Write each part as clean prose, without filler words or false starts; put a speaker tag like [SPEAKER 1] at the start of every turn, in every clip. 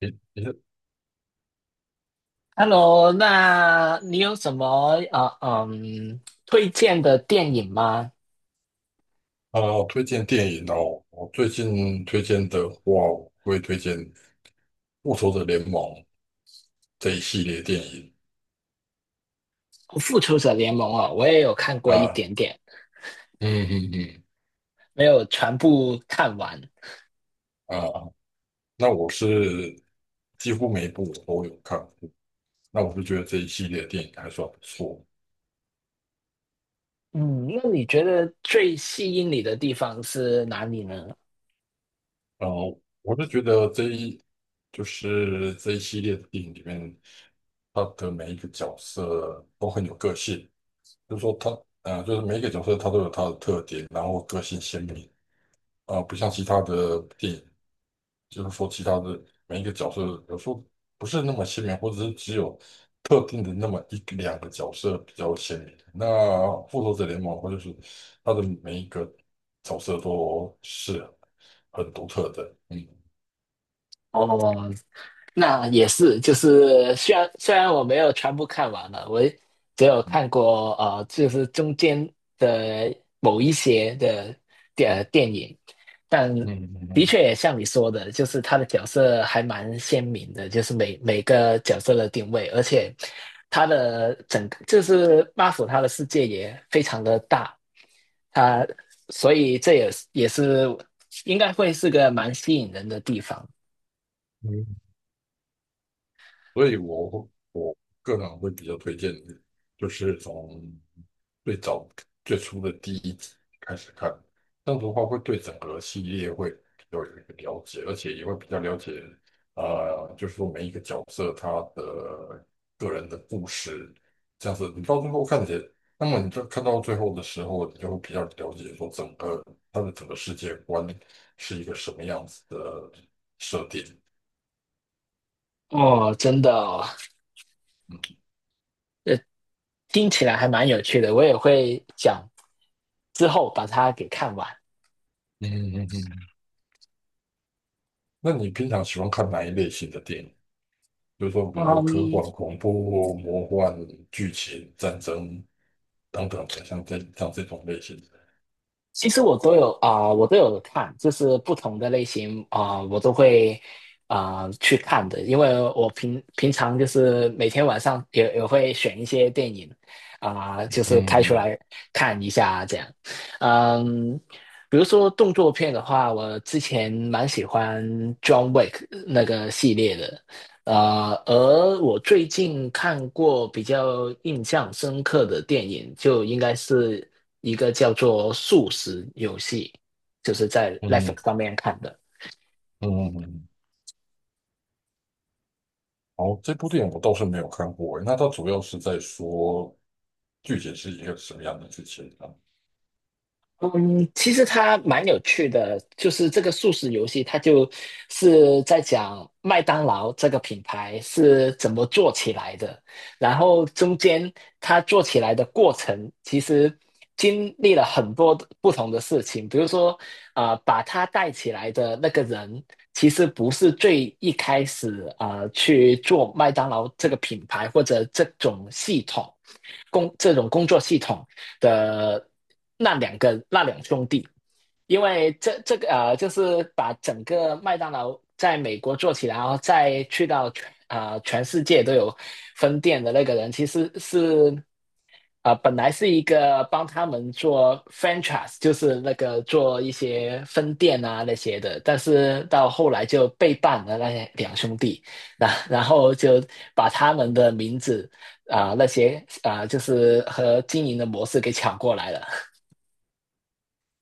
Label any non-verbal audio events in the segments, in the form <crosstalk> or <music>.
[SPEAKER 1] 你你
[SPEAKER 2] Hello，那你有什么呃嗯推荐的电影吗？
[SPEAKER 1] 啊，推荐电影哦。我最近推荐的话，我会推荐《复仇者联盟》这一系列电影
[SPEAKER 2] 《复仇者联盟》哦，我也有看过一
[SPEAKER 1] 啊。
[SPEAKER 2] 点点，
[SPEAKER 1] 嗯嗯嗯。
[SPEAKER 2] 没有全部看完。
[SPEAKER 1] 啊，那我是几乎每一部我都有看过，那我就觉得这一系列电影还算不错。
[SPEAKER 2] 嗯，那你觉得最吸引你的地方是哪里呢？
[SPEAKER 1] 然后我是觉得这一系列的电影里面，他的每一个角色都很有个性，就是说他啊，就是每一个角色他都有他的特点，然后个性鲜明。啊、不像其他的电影，就是说其他的每一个角色有时候不是那么鲜明，或者是只有特定的那么一两个角色比较鲜明。那《复仇者联盟》或者是它的每一个角色都是很独特的，嗯。
[SPEAKER 2] 哦，那也是，就是虽然我没有全部看完了，我只有看过就是中间的某一些的电影，但
[SPEAKER 1] 嗯嗯
[SPEAKER 2] 的
[SPEAKER 1] 嗯。
[SPEAKER 2] 确也像你说的，就是他的角色还蛮鲜明的，就是每个角色的定位，而且他的整个就是 m a r v 他的世界也非常的大，他所以这也是应该会是个蛮吸引人的地方。
[SPEAKER 1] 嗯，所以我个人会比较推荐，就是从最早最初的第一集开始看，这样子的话会对整个系列会有一个了解，而且也会比较了解，就是说每一个角色他的个人的故事，这样子你到最后看起来，那么你就看到最后的时候，你就会比较了解说整个他的整个世界观是一个什么样子的设定。
[SPEAKER 2] 哦，真的哦。听起来还蛮有趣的，我也会讲之后把它给看完。
[SPEAKER 1] 嗯嗯嗯。那你平常喜欢看哪一类型的电影？就是说，比如说科
[SPEAKER 2] 嗯，
[SPEAKER 1] 幻、恐怖、魔幻、剧情、战争等等，像这种类型的。
[SPEAKER 2] 其实我都有看，就是不同的类型我都会去看的，因为我平常就是每天晚上也会选一些电影就是开
[SPEAKER 1] 嗯
[SPEAKER 2] 出
[SPEAKER 1] 嗯
[SPEAKER 2] 来看一下这样。嗯，比如说动作片的话，我之前蛮喜欢 John Wick 那个系列的。呃，而我最近看过比较印象深刻的电影，就应该是一个叫做《素食游戏》，就是在 Netflix
[SPEAKER 1] 嗯
[SPEAKER 2] 上面看的。
[SPEAKER 1] 嗯嗯。哦，这部电影我倒是没有看过诶，那它主要是在说剧情是一个什么样的剧情啊？
[SPEAKER 2] 嗯，其实它蛮有趣的，就是这个素食游戏，它就是在讲麦当劳这个品牌是怎么做起来的，然后中间它做起来的过程，其实经历了很多的不同的事情，比如说，啊，把它带起来的那个人，其实不是最一开始去做麦当劳这个品牌或者这种系统工这种工作系统。的那两兄弟，因为这个就是把整个麦当劳在美国做起来，然后再去到全世界都有分店的那个人，其实是本来是一个帮他们做 franchise，就是那个做一些分店啊那些的，但是到后来就背叛了那些两兄弟，然后就把他们的名字啊、那些啊、就是和经营的模式给抢过来了。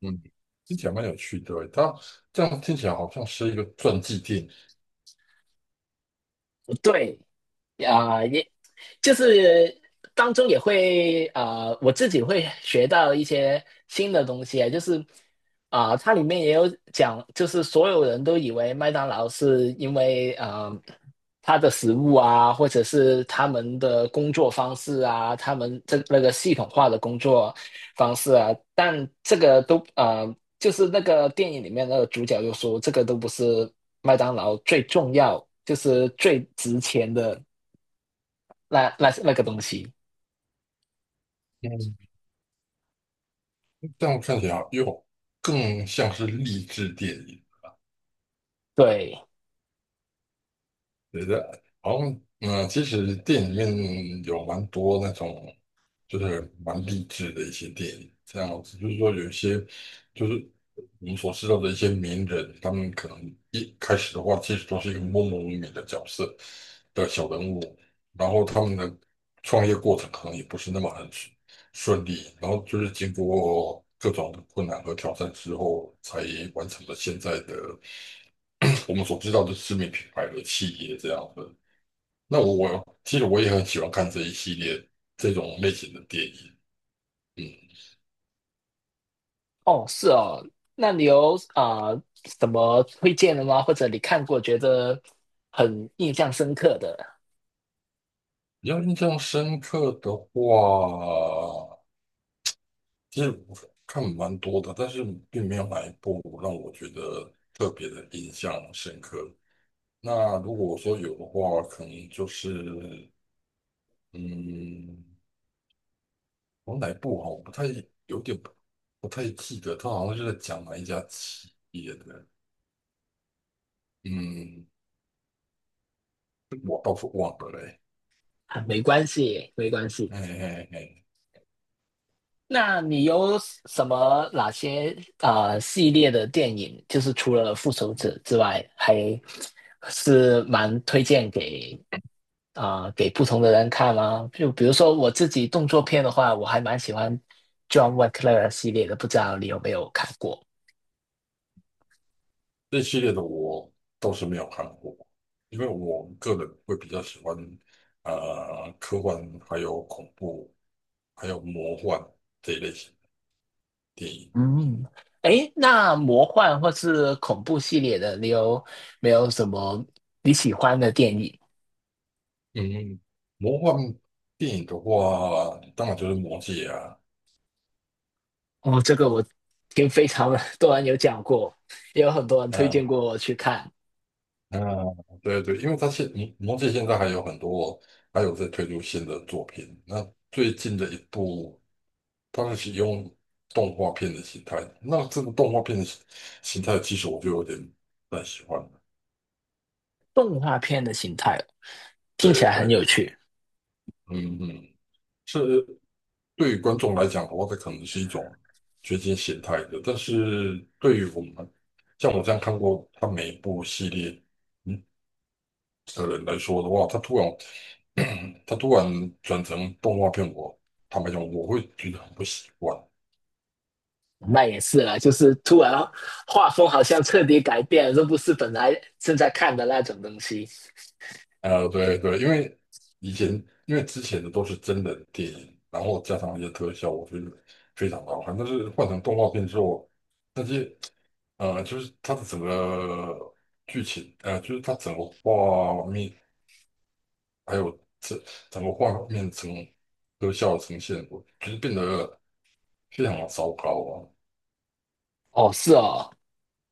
[SPEAKER 1] 嗯，听起来蛮有趣的诶，它这样听起来好像是一个传记电影，
[SPEAKER 2] 对，也就是当中也会啊、我自己会学到一些新的东西，啊，就是它里面也有讲，就是所有人都以为麦当劳是因为啊、它的食物啊，或者是他们的工作方式啊，他们这那个系统化的工作方式啊，但这个都啊，就是那个电影里面那个主角就说，这个都不是麦当劳最重要，就是最值钱的。那那个东西，
[SPEAKER 1] 嗯，这样看起来又更像是励志电影。
[SPEAKER 2] 对，
[SPEAKER 1] 觉得好像嗯，其实电影里面有蛮多那种就是蛮励志的一些电影，这样子就是说有一些就是我们所知道的一些名人，他们可能一开始的话其实都是一个默默无名的角色的小人物，然后他们的创业过程可能也不是那么很顺利，然后就是经过各种的困难和挑战之后，才完成了现在的 <clears throat> 我们所知道的知名品牌的企业这样子。那我其实我也很喜欢看这一系列这种类型的电影。嗯，
[SPEAKER 2] 哦，是哦，那你有什么推荐的吗？或者你看过觉得很印象深刻的？
[SPEAKER 1] 比较印象深刻的话，其实我看蛮多的，但是并没有哪一部让我觉得特别的印象深刻。那如果说有的话，可能就是嗯，我哪一部哈，我不太有点不不太记得，他好像是在讲哪一家企业的，嗯，我倒是忘了嘞。
[SPEAKER 2] 啊，没关系，没关系。
[SPEAKER 1] 哎哎哎。
[SPEAKER 2] 那你有什么哪些系列的电影，就是除了《复仇者》之外，还是蛮推荐给给不同的人看吗？就比如说我自己动作片的话，我还蛮喜欢 John Wick 系列的，不知道你有没有看过？
[SPEAKER 1] 这系列的我倒是没有看过，因为我个人会比较喜欢科幻，还有恐怖，还有魔幻这一类型的电影。
[SPEAKER 2] 嗯，诶，那魔幻或是恐怖系列的，你有没有什么你喜欢的电影？
[SPEAKER 1] 嗯，魔幻电影的话，当然就是《魔戒》啊。
[SPEAKER 2] 哦，这个我跟非常 <laughs> 多人有讲过，也有很多人推荐
[SPEAKER 1] 呃
[SPEAKER 2] 过我去看
[SPEAKER 1] 嗯，对对，因为他现你忘记现在还有很多，还有在推出新的作品。那最近的一部，它是使用动画片的形态。那这个动画片的形态，其实我就有点不太喜欢了。
[SPEAKER 2] 动画片的形态，听
[SPEAKER 1] 对
[SPEAKER 2] 起来
[SPEAKER 1] 对，
[SPEAKER 2] 很有趣。
[SPEAKER 1] 嗯嗯，是对于观众来讲的话，这可能是一种掘金形态的。但是对于我们，像我这样看过他每一部系列，嗯。的人来说的话，他突然 <clears throat> 他突然转成动画片，我坦白讲，我会觉得很不习惯。
[SPEAKER 2] 那也是啦，就是突然画风好像彻底改变了，这不是本来正在看的那种东西。
[SPEAKER 1] 对对，因为以前之前的都是真人电影，然后加上一些特效，我觉得非常好看。但是换成动画片之后，那些就是它的整个剧情，就是它整个画面，还有这整个画面特效呈现，我觉得变得非常的糟糕啊。
[SPEAKER 2] 哦，是哦，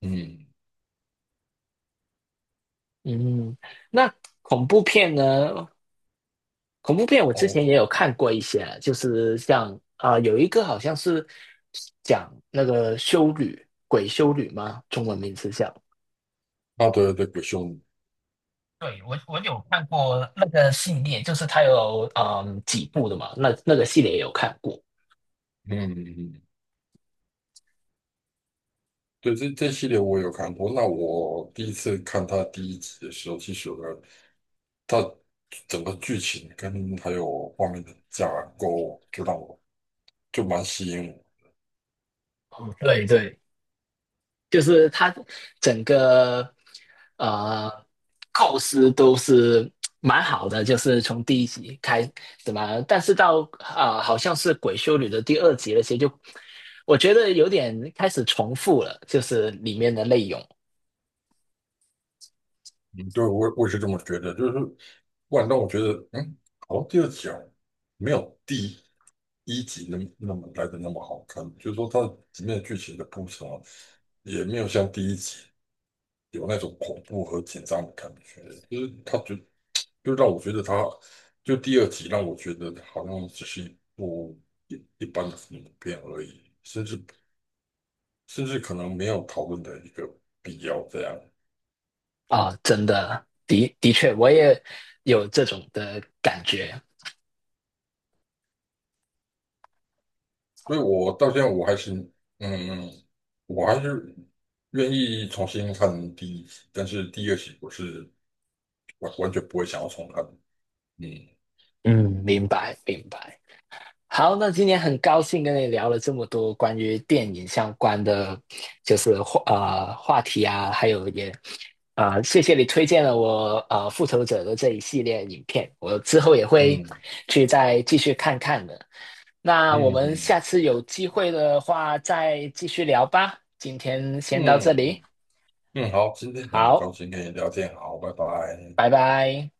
[SPEAKER 1] 嗯，
[SPEAKER 2] 嗯，那恐怖片呢？恐怖片我之前也
[SPEAKER 1] 哦。
[SPEAKER 2] 有看过一些，就是像啊、有一个好像是讲那个修女，鬼修女吗？中文名字叫。
[SPEAKER 1] 啊，对对，鬼兄，
[SPEAKER 2] 对，我有看过那个系列，就是它有嗯几部的嘛，那个系列也有看过。
[SPEAKER 1] 嗯，嗯嗯，对，这这系列我有看过。那我第一次看他第一集的时候，其实有个他整个剧情跟还有画面的架构，就让我就蛮吸引我。
[SPEAKER 2] 嗯对对，就是它整个呃构思都是蛮好的，就是从第一集开怎么，但是到啊、好像是《鬼修女》的第二集那些就，我觉得有点开始重复了，就是里面的内容
[SPEAKER 1] 嗯，对，我也是这么觉得，就是不万让我觉得，嗯，好像第二集啊，没有第一集那么好看。就是说，它里面的剧情的铺陈啊，也没有像第一集有那种恐怖和紧张的感觉，就是他觉得，就让我觉得他，就第二集让我觉得好像只是一部一般的恐怖片而已，甚至可能没有讨论的一个必要这样，
[SPEAKER 2] 真的的确我也有这种的感觉，
[SPEAKER 1] 所以我到现在我还是，嗯，我还是愿意重新看第一集，但是第二集我是完完全不会想要重看，嗯
[SPEAKER 2] 嗯，明白明白。好，那今天很高兴跟你聊了这么多关于电影相关的，就是话题啊，还有也谢谢你推荐了我《复仇者》的这一系列影片，我之后也会
[SPEAKER 1] 嗯
[SPEAKER 2] 去再继续看看的。那我
[SPEAKER 1] 嗯
[SPEAKER 2] 们下
[SPEAKER 1] 嗯
[SPEAKER 2] 次有机会的话再继续聊吧，今天先到这里，
[SPEAKER 1] 嗯嗯，好，今天很高
[SPEAKER 2] 好，
[SPEAKER 1] 兴跟你聊天，好，拜拜。
[SPEAKER 2] 拜拜。